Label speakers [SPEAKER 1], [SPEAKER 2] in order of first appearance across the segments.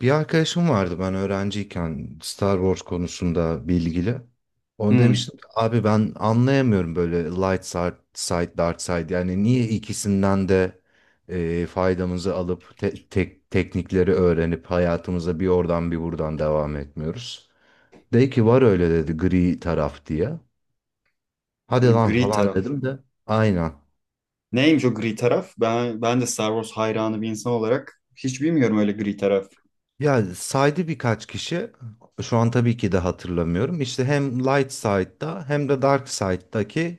[SPEAKER 1] Bir arkadaşım vardı ben öğrenciyken Star Wars konusunda bilgili. Onu
[SPEAKER 2] Hmm,
[SPEAKER 1] demiştim, abi ben anlayamıyorum böyle light side, side dark side, yani niye ikisinden de faydamızı alıp tek teknikleri öğrenip hayatımıza bir oradan bir buradan devam etmiyoruz. De ki var öyle, dedi, gri taraf diye. Hadi lan
[SPEAKER 2] gri
[SPEAKER 1] falan
[SPEAKER 2] taraf.
[SPEAKER 1] dedim de aynen.
[SPEAKER 2] Neymiş o gri taraf? Ben de Star Wars hayranı bir insan olarak hiç bilmiyorum öyle gri taraf.
[SPEAKER 1] Yani saydı birkaç kişi. Şu an tabii ki de hatırlamıyorum. İşte hem Light Side'da hem de Dark Side'daki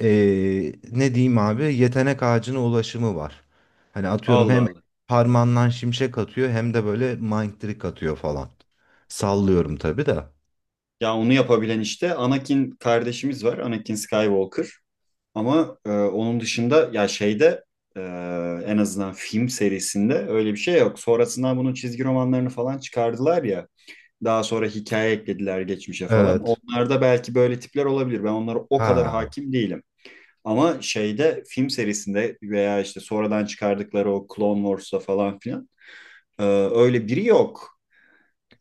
[SPEAKER 1] ne diyeyim abi, yetenek ağacına ulaşımı var. Hani atıyorum
[SPEAKER 2] Allah
[SPEAKER 1] hem
[SPEAKER 2] Allah.
[SPEAKER 1] parmağından şimşek atıyor hem de böyle mind trick atıyor falan. Sallıyorum tabii de.
[SPEAKER 2] Ya onu yapabilen işte Anakin kardeşimiz var. Anakin Skywalker. Ama onun dışında ya şeyde e, en azından film serisinde öyle bir şey yok. Sonrasında bunun çizgi romanlarını falan çıkardılar ya. Daha sonra hikaye eklediler geçmişe falan.
[SPEAKER 1] Evet.
[SPEAKER 2] Onlarda belki böyle tipler olabilir. Ben onlara o kadar
[SPEAKER 1] Ha,
[SPEAKER 2] hakim değilim. Ama şeyde film serisinde veya işte sonradan çıkardıkları o Clone Wars'ta falan filan e, öyle biri yok.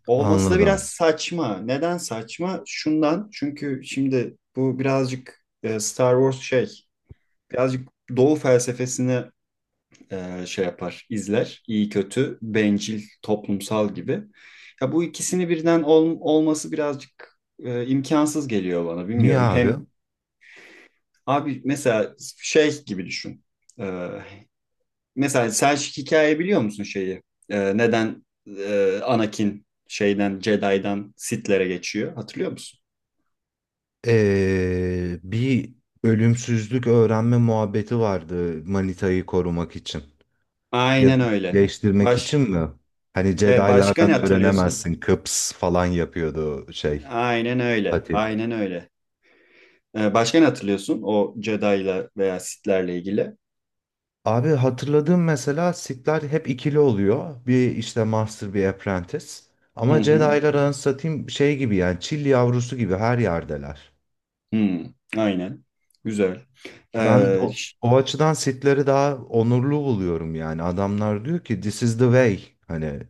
[SPEAKER 2] Olması da biraz
[SPEAKER 1] anladım.
[SPEAKER 2] saçma. Neden saçma? Şundan çünkü şimdi bu birazcık Star Wars şey birazcık Doğu felsefesini şey yapar, izler. İyi kötü, bencil, toplumsal gibi. Ya bu ikisini birden olması birazcık imkansız geliyor bana.
[SPEAKER 1] Niye
[SPEAKER 2] Bilmiyorum. Hem
[SPEAKER 1] abi?
[SPEAKER 2] abi mesela şey gibi düşün. E, Mesela Selçuk hikaye biliyor musun şeyi? Neden Anakin şeyden Jedi'dan Sith'lere geçiyor? Hatırlıyor musun?
[SPEAKER 1] Bir ölümsüzlük öğrenme muhabbeti vardı, manitayı korumak için. Ya da
[SPEAKER 2] Aynen öyle.
[SPEAKER 1] değiştirmek
[SPEAKER 2] Baş
[SPEAKER 1] için mi? Hani
[SPEAKER 2] başka ne
[SPEAKER 1] Jedi'lardan
[SPEAKER 2] hatırlıyorsun?
[SPEAKER 1] öğrenemezsin. Kıps falan yapıyordu şey,
[SPEAKER 2] Aynen öyle.
[SPEAKER 1] Patin.
[SPEAKER 2] Aynen öyle. Başka ne hatırlıyorsun o Jedi'la veya Sith'lerle ilgili?
[SPEAKER 1] Abi hatırladığım, mesela Sith'ler hep ikili oluyor. Bir işte Master, bir Apprentice.
[SPEAKER 2] Hı
[SPEAKER 1] Ama
[SPEAKER 2] hı.
[SPEAKER 1] Jedi'lar, anlatayım şey gibi, yani çil yavrusu gibi her yerdeler.
[SPEAKER 2] Hı. Aynen. Güzel.
[SPEAKER 1] Ben
[SPEAKER 2] Ee,
[SPEAKER 1] o, o açıdan Sith'leri daha onurlu buluyorum yani. Adamlar diyor ki this is the way. Hani,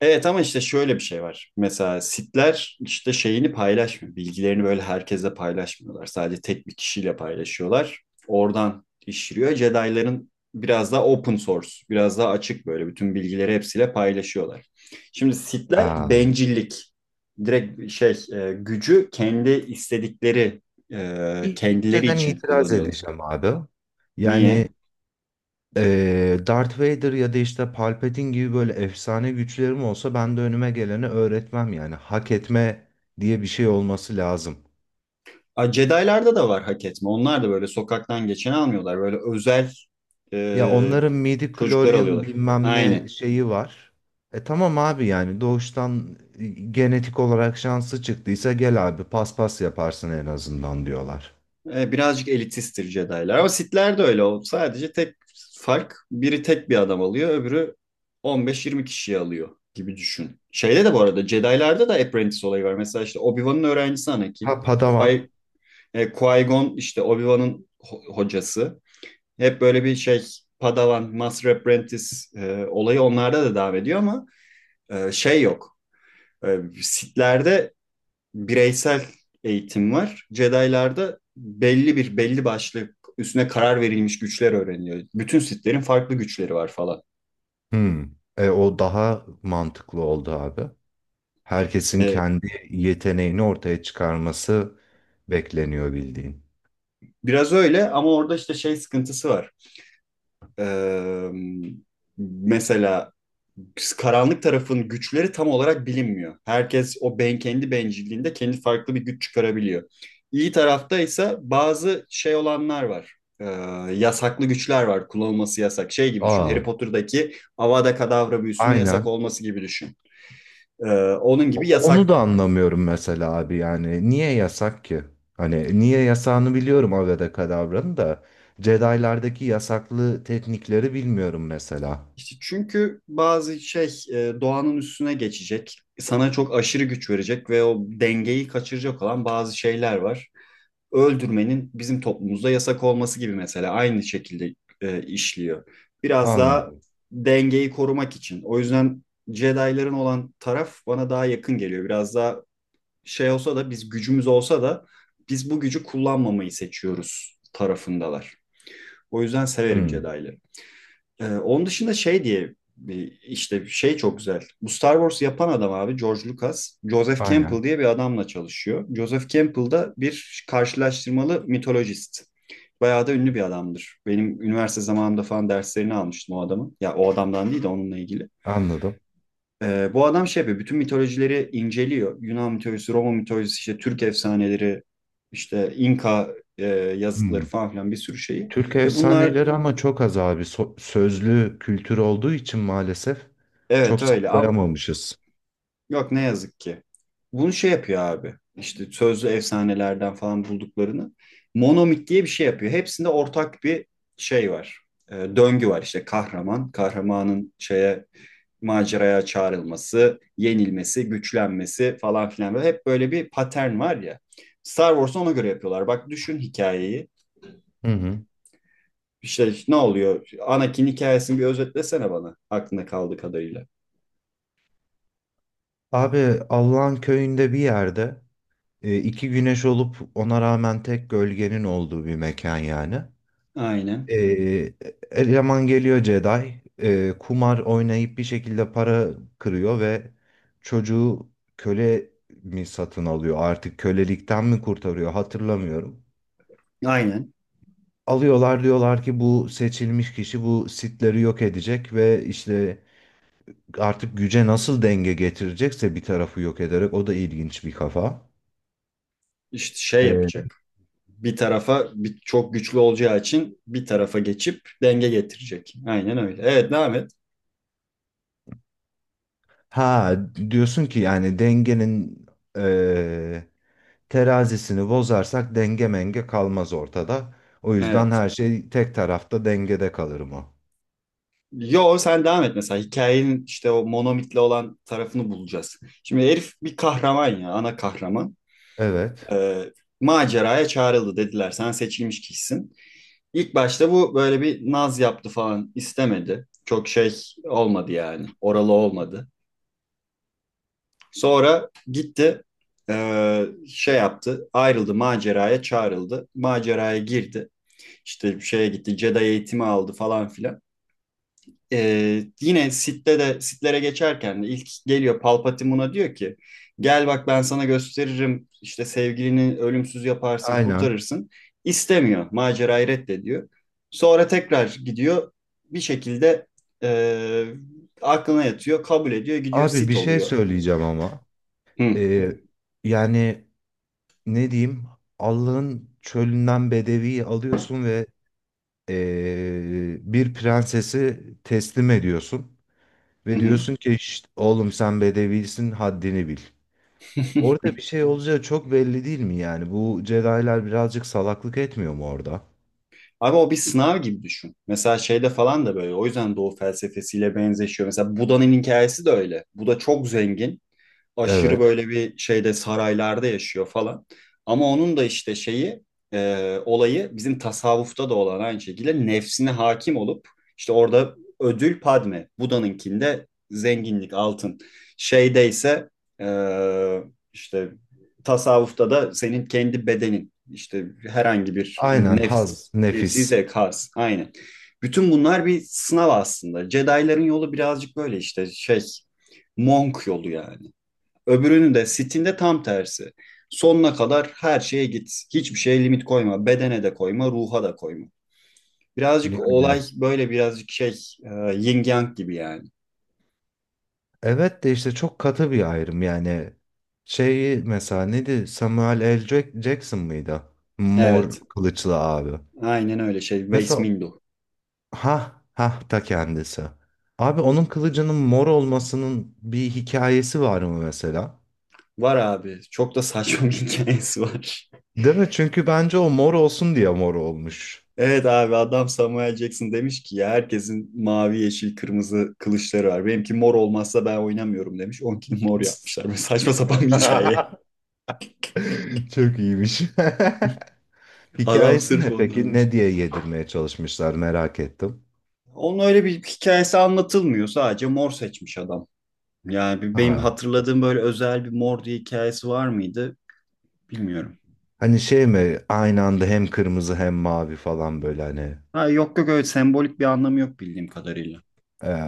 [SPEAKER 2] Evet ama işte şöyle bir şey var. Mesela sitler işte şeyini paylaşmıyor. Bilgilerini böyle herkese paylaşmıyorlar. Sadece tek bir kişiyle paylaşıyorlar. Oradan işliyor. Jedi'ların biraz daha open source, biraz daha açık böyle bütün bilgileri hepsiyle paylaşıyorlar. Şimdi sitler
[SPEAKER 1] aa.
[SPEAKER 2] bencillik. Direkt şey gücü kendi istedikleri kendileri
[SPEAKER 1] İnceden
[SPEAKER 2] için
[SPEAKER 1] itiraz
[SPEAKER 2] kullanıyorlar.
[SPEAKER 1] edeceğim abi. Yani,
[SPEAKER 2] Niye?
[SPEAKER 1] Darth Vader ya da işte Palpatine gibi böyle efsane güçlerim olsa ben de önüme geleni öğretmem yani. Hak etme diye bir şey olması lazım.
[SPEAKER 2] Ay, Jedi'larda da var hak etme. Onlar da böyle sokaktan geçen almıyorlar. Böyle özel
[SPEAKER 1] Ya
[SPEAKER 2] e,
[SPEAKER 1] onların
[SPEAKER 2] çocuklar
[SPEAKER 1] midi-chlorian
[SPEAKER 2] alıyorlar.
[SPEAKER 1] bilmem ne
[SPEAKER 2] Aynen.
[SPEAKER 1] şeyi var. E tamam abi, yani doğuştan genetik olarak şansı çıktıysa, gel abi paspas yaparsın en azından diyorlar.
[SPEAKER 2] Birazcık elitisttir Jedi'lar. Ama Sith'ler de öyle. O sadece tek fark biri tek bir adam alıyor. Öbürü 15-20 kişiyi alıyor gibi düşün. Şeyde de bu arada Jedi'larda da Apprentice olayı var. Mesela işte Obi-Wan'ın öğrencisi
[SPEAKER 1] Ha,
[SPEAKER 2] Anakin.
[SPEAKER 1] Padawan.
[SPEAKER 2] Qui, Qui-Gon işte Obi-Wan'ın hocası. Hep böyle bir şey Padawan, Master Apprentice olayı onlarda da devam ediyor ama şey yok. Sith'lerde bireysel eğitim var. Jedi'larda belli bir belli başlı üstüne karar verilmiş güçler öğreniliyor. Bütün Sith'lerin farklı güçleri var falan.
[SPEAKER 1] Hmm. E, o daha mantıklı oldu abi. Herkesin
[SPEAKER 2] E,
[SPEAKER 1] kendi yeteneğini ortaya çıkarması bekleniyor bildiğin.
[SPEAKER 2] biraz öyle ama orada işte şey sıkıntısı var. E, mesela karanlık tarafın güçleri tam olarak bilinmiyor. Herkes o ben kendi bencilliğinde kendi farklı bir güç çıkarabiliyor. İyi tarafta ise bazı şey olanlar var. Yasaklı güçler var. Kullanılması yasak. Şey gibi düşün.
[SPEAKER 1] Aa,
[SPEAKER 2] Harry Potter'daki Avada Kedavra büyüsünün yasak
[SPEAKER 1] aynen.
[SPEAKER 2] olması gibi düşün. Ee, onun gibi
[SPEAKER 1] Onu da
[SPEAKER 2] yasak.
[SPEAKER 1] anlamıyorum mesela abi yani. Niye yasak ki? Hani niye yasağını biliyorum Avada Kedavra'nın da. Jedi'lardaki yasaklı teknikleri bilmiyorum mesela.
[SPEAKER 2] İşte çünkü bazı şey doğanın üstüne geçecek. Sana çok aşırı güç verecek ve o dengeyi kaçıracak olan bazı şeyler var. Öldürmenin bizim toplumumuzda yasak olması gibi mesela aynı şekilde işliyor. Biraz daha
[SPEAKER 1] Anladım.
[SPEAKER 2] dengeyi korumak için. O yüzden Jedi'ların olan taraf bana daha yakın geliyor. Biraz daha şey olsa da biz gücümüz olsa da biz bu gücü kullanmamayı seçiyoruz tarafındalar. O yüzden severim
[SPEAKER 1] Hmm,
[SPEAKER 2] Jedi'ları. Onun dışında şey diye işte şey çok güzel. Bu Star Wars yapan adam abi George Lucas, Joseph
[SPEAKER 1] aynen.
[SPEAKER 2] Campbell diye bir adamla çalışıyor. Joseph Campbell da bir karşılaştırmalı mitolojist. Bayağı da ünlü bir adamdır. Benim üniversite zamanımda falan derslerini almıştım o adamın. Ya o adamdan değil de onunla ilgili.
[SPEAKER 1] Anladım.
[SPEAKER 2] Bu adam şey yapıyor, bütün mitolojileri inceliyor. Yunan mitolojisi, Roma mitolojisi, işte Türk efsaneleri, işte İnka
[SPEAKER 1] Hmm.
[SPEAKER 2] yazıtları falan filan bir sürü şeyi.
[SPEAKER 1] Türk
[SPEAKER 2] Ve bunlar
[SPEAKER 1] efsaneleri ama çok az abi. Sözlü kültür olduğu için maalesef çok
[SPEAKER 2] evet öyle ama
[SPEAKER 1] saklayamamışız.
[SPEAKER 2] yok ne yazık ki. Bunu şey yapıyor abi. İşte sözlü efsanelerden falan bulduklarını. Monomit diye bir şey yapıyor. Hepsinde ortak bir şey var. Döngü var işte kahraman. Kahramanın şeye maceraya çağrılması, yenilmesi, güçlenmesi falan filan. Böyle hep böyle bir patern var ya. Star Wars'u ona göre yapıyorlar. Bak düşün hikayeyi.
[SPEAKER 1] Hı hı.
[SPEAKER 2] İşte ne oluyor? Anakin hikayesini bir özetlesene bana. Aklında kaldığı kadarıyla.
[SPEAKER 1] Abi Allah'ın köyünde bir yerde, e, iki güneş olup ona rağmen tek gölgenin olduğu bir mekan yani.
[SPEAKER 2] Aynen.
[SPEAKER 1] E, eleman geliyor Jedi. Kumar oynayıp bir şekilde para kırıyor ve çocuğu köle mi satın alıyor, artık kölelikten mi kurtarıyor, hatırlamıyorum.
[SPEAKER 2] Aynen.
[SPEAKER 1] Alıyorlar, diyorlar ki bu seçilmiş kişi bu sitleri yok edecek ve işte artık güce nasıl denge getirecekse, bir tarafı yok ederek, o da ilginç bir kafa.
[SPEAKER 2] İşte şey yapacak. Bir tarafa bir, çok güçlü olacağı için bir tarafa geçip denge getirecek. Aynen öyle. Evet devam et.
[SPEAKER 1] Ha, diyorsun ki yani dengenin eee, terazisini bozarsak denge menge kalmaz ortada. O yüzden
[SPEAKER 2] Evet.
[SPEAKER 1] her şey tek tarafta dengede kalır mı?
[SPEAKER 2] Yo sen devam et mesela hikayenin işte o monomitle olan tarafını bulacağız. Şimdi herif bir kahraman ya ana kahraman.
[SPEAKER 1] Evet.
[SPEAKER 2] Ee, maceraya çağrıldı dediler sen seçilmiş kişisin. İlk başta bu böyle bir naz yaptı falan istemedi. Çok şey olmadı yani oralı olmadı. Sonra gitti şey yaptı ayrıldı maceraya çağrıldı. Maceraya girdi işte şeye gitti Jedi eğitimi aldı falan filan. E, yine Sith'te de Sith'lere geçerken de ilk geliyor Palpatine buna diyor ki gel bak ben sana gösteririm işte sevgilini ölümsüz yaparsın
[SPEAKER 1] Aynen.
[SPEAKER 2] kurtarırsın. İstemiyor macerayı reddediyor. Sonra tekrar gidiyor bir şekilde e, aklına yatıyor kabul ediyor gidiyor
[SPEAKER 1] Abi bir
[SPEAKER 2] Sith
[SPEAKER 1] şey
[SPEAKER 2] oluyor.
[SPEAKER 1] söyleyeceğim ama.
[SPEAKER 2] Hı,
[SPEAKER 1] Eee, Yani ne diyeyim? Allah'ın çölünden bedeviyi alıyorsun ve bir prensesi teslim ediyorsun.
[SPEAKER 2] hı
[SPEAKER 1] Ve
[SPEAKER 2] hı.
[SPEAKER 1] diyorsun ki "Şşt, oğlum sen bedevisin, haddini bil." Orada bir şey olacağı çok belli değil mi yani? Bu Jedi'lar birazcık salaklık etmiyor mu orada?
[SPEAKER 2] Abi o bir sınav gibi düşün. Mesela şeyde falan da böyle. O yüzden Doğu felsefesiyle benzeşiyor. Mesela Buda'nın hikayesi de öyle. Buda çok zengin aşırı
[SPEAKER 1] Evet.
[SPEAKER 2] böyle bir şeyde saraylarda yaşıyor falan. Ama onun da işte şeyi olayı bizim tasavvufta da olan aynı şekilde nefsine hakim olup işte orada ödül Padme, Buda'nınkinde zenginlik, altın. Şeyde ise e, işte tasavvufta da senin kendi bedenin işte herhangi bir
[SPEAKER 1] Aynen,
[SPEAKER 2] nefs,
[SPEAKER 1] haz,
[SPEAKER 2] nefsi
[SPEAKER 1] nefis.
[SPEAKER 2] zevk has aynen. Bütün bunlar bir sınav aslında. Jedi'ların yolu birazcık böyle işte şey monk yolu yani. Öbürünün de Steam'de tam tersi. Sonuna kadar her şeye git. Hiçbir şeye limit koyma. Bedene de koyma, ruha da koyma.
[SPEAKER 1] Yani
[SPEAKER 2] Birazcık olay böyle birazcık şey yin yang gibi yani.
[SPEAKER 1] evet, de işte çok katı bir ayrım yani. Şeyi mesela neydi? Samuel L. Jackson mıydı? Mor
[SPEAKER 2] Evet.
[SPEAKER 1] kılıçlı abi.
[SPEAKER 2] Aynen öyle şey. Waste
[SPEAKER 1] Mesela,
[SPEAKER 2] Window.
[SPEAKER 1] ha ha, ta kendisi. Abi onun kılıcının mor olmasının bir hikayesi var mı mesela?
[SPEAKER 2] Var abi. Çok da saçma bir hikayesi var.
[SPEAKER 1] Değil mi? Çünkü bence o mor olsun diye mor olmuş.
[SPEAKER 2] Evet abi adam Samuel Jackson demiş ki ya herkesin mavi, yeşil, kırmızı kılıçları var. Benimki mor olmazsa ben oynamıyorum demiş. Onkini mor yapmışlar. Böyle saçma sapan bir hikaye.
[SPEAKER 1] Çok iyiymiş.
[SPEAKER 2] Adam
[SPEAKER 1] Hikayesi
[SPEAKER 2] sırf
[SPEAKER 1] ne
[SPEAKER 2] onu
[SPEAKER 1] peki? Ne
[SPEAKER 2] almış.
[SPEAKER 1] diye yedirmeye çalışmışlar, merak ettim.
[SPEAKER 2] Onun öyle bir hikayesi anlatılmıyor. Sadece mor seçmiş adam. Yani benim
[SPEAKER 1] Ha.
[SPEAKER 2] hatırladığım böyle özel bir mor diye hikayesi var mıydı bilmiyorum.
[SPEAKER 1] Hani şey mi, aynı anda hem kırmızı hem mavi falan böyle hani.
[SPEAKER 2] Ha, yok yok öyle sembolik bir anlamı yok bildiğim kadarıyla.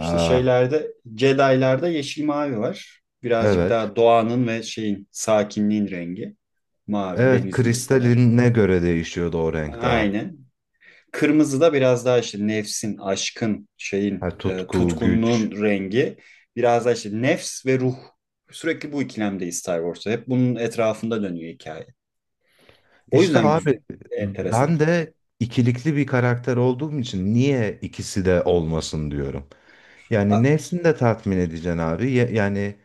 [SPEAKER 2] İşte şeylerde Jedi'larda yeşil mavi var. Birazcık
[SPEAKER 1] Evet.
[SPEAKER 2] daha doğanın ve şeyin sakinliğin rengi. Mavi
[SPEAKER 1] Evet,
[SPEAKER 2] denizin falan.
[SPEAKER 1] kristaline göre değişiyordu o renk daha.
[SPEAKER 2] Aynen. Kırmızı da biraz daha işte nefsin, aşkın,
[SPEAKER 1] Ha,
[SPEAKER 2] şeyin,
[SPEAKER 1] tutku,
[SPEAKER 2] tutkunluğun
[SPEAKER 1] güç.
[SPEAKER 2] rengi. Biraz daha işte nefs ve ruh. Sürekli bu ikilemdeyiz Star Wars'ta. Hep bunun etrafında dönüyor hikaye. O
[SPEAKER 1] İşte
[SPEAKER 2] yüzden
[SPEAKER 1] abi ben
[SPEAKER 2] enteresan.
[SPEAKER 1] de ikilikli bir karakter olduğum için niye ikisi de olmasın diyorum. Yani
[SPEAKER 2] A-
[SPEAKER 1] nefsini de tatmin edeceksin abi. Yani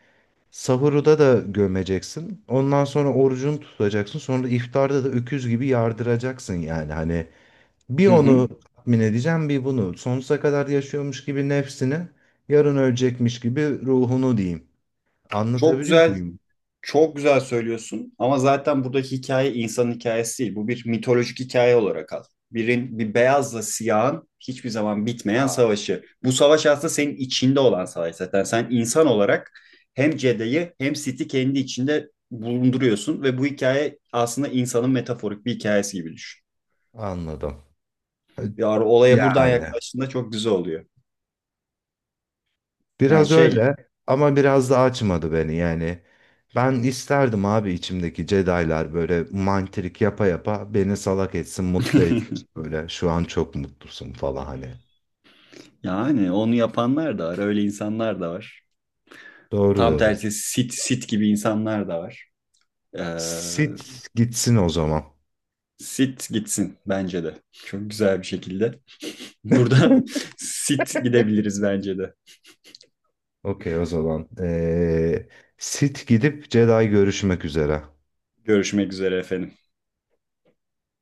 [SPEAKER 1] sahurda da gömeceksin. Ondan sonra orucunu tutacaksın. Sonra da iftarda da öküz gibi yardıracaksın yani. Hani bir
[SPEAKER 2] Hı hı.
[SPEAKER 1] onu tatmin edeceğim, bir bunu. Sonsuza kadar yaşıyormuş gibi nefsini, yarın ölecekmiş gibi ruhunu diyeyim.
[SPEAKER 2] Çok
[SPEAKER 1] Anlatabiliyor
[SPEAKER 2] güzel
[SPEAKER 1] muyum?
[SPEAKER 2] Çok güzel söylüyorsun ama zaten buradaki hikaye insanın hikayesi değil. Bu bir mitolojik hikaye olarak al. Bir beyazla siyahın hiçbir zaman bitmeyen
[SPEAKER 1] Ha,
[SPEAKER 2] savaşı. Bu savaş aslında senin içinde olan savaş zaten. Sen insan olarak hem Jedi'yi hem Sith'i kendi içinde bulunduruyorsun ve bu hikaye aslında insanın metaforik bir hikayesi gibi düşün.
[SPEAKER 1] anladım.
[SPEAKER 2] Ya olaya buradan
[SPEAKER 1] Yani.
[SPEAKER 2] yaklaştığında çok güzel oluyor. Yani
[SPEAKER 1] Biraz
[SPEAKER 2] şey
[SPEAKER 1] öyle ama biraz da açmadı beni yani. Ben isterdim abi içimdeki Jedi'lar böyle mantrik yapa yapa beni salak etsin, mutlu etsin. Böyle şu an çok mutlusun falan hani.
[SPEAKER 2] yani onu yapanlar da var, öyle insanlar da var.
[SPEAKER 1] Doğru
[SPEAKER 2] Tam
[SPEAKER 1] dedim.
[SPEAKER 2] tersi Sith gibi insanlar da var. Ee,
[SPEAKER 1] Sith gitsin o zaman.
[SPEAKER 2] Sit gitsin bence de. Çok güzel bir şekilde. Burada sit gidebiliriz bence de.
[SPEAKER 1] Okey o zaman. Sith gidip Jedi, görüşmek üzere.
[SPEAKER 2] Görüşmek üzere efendim.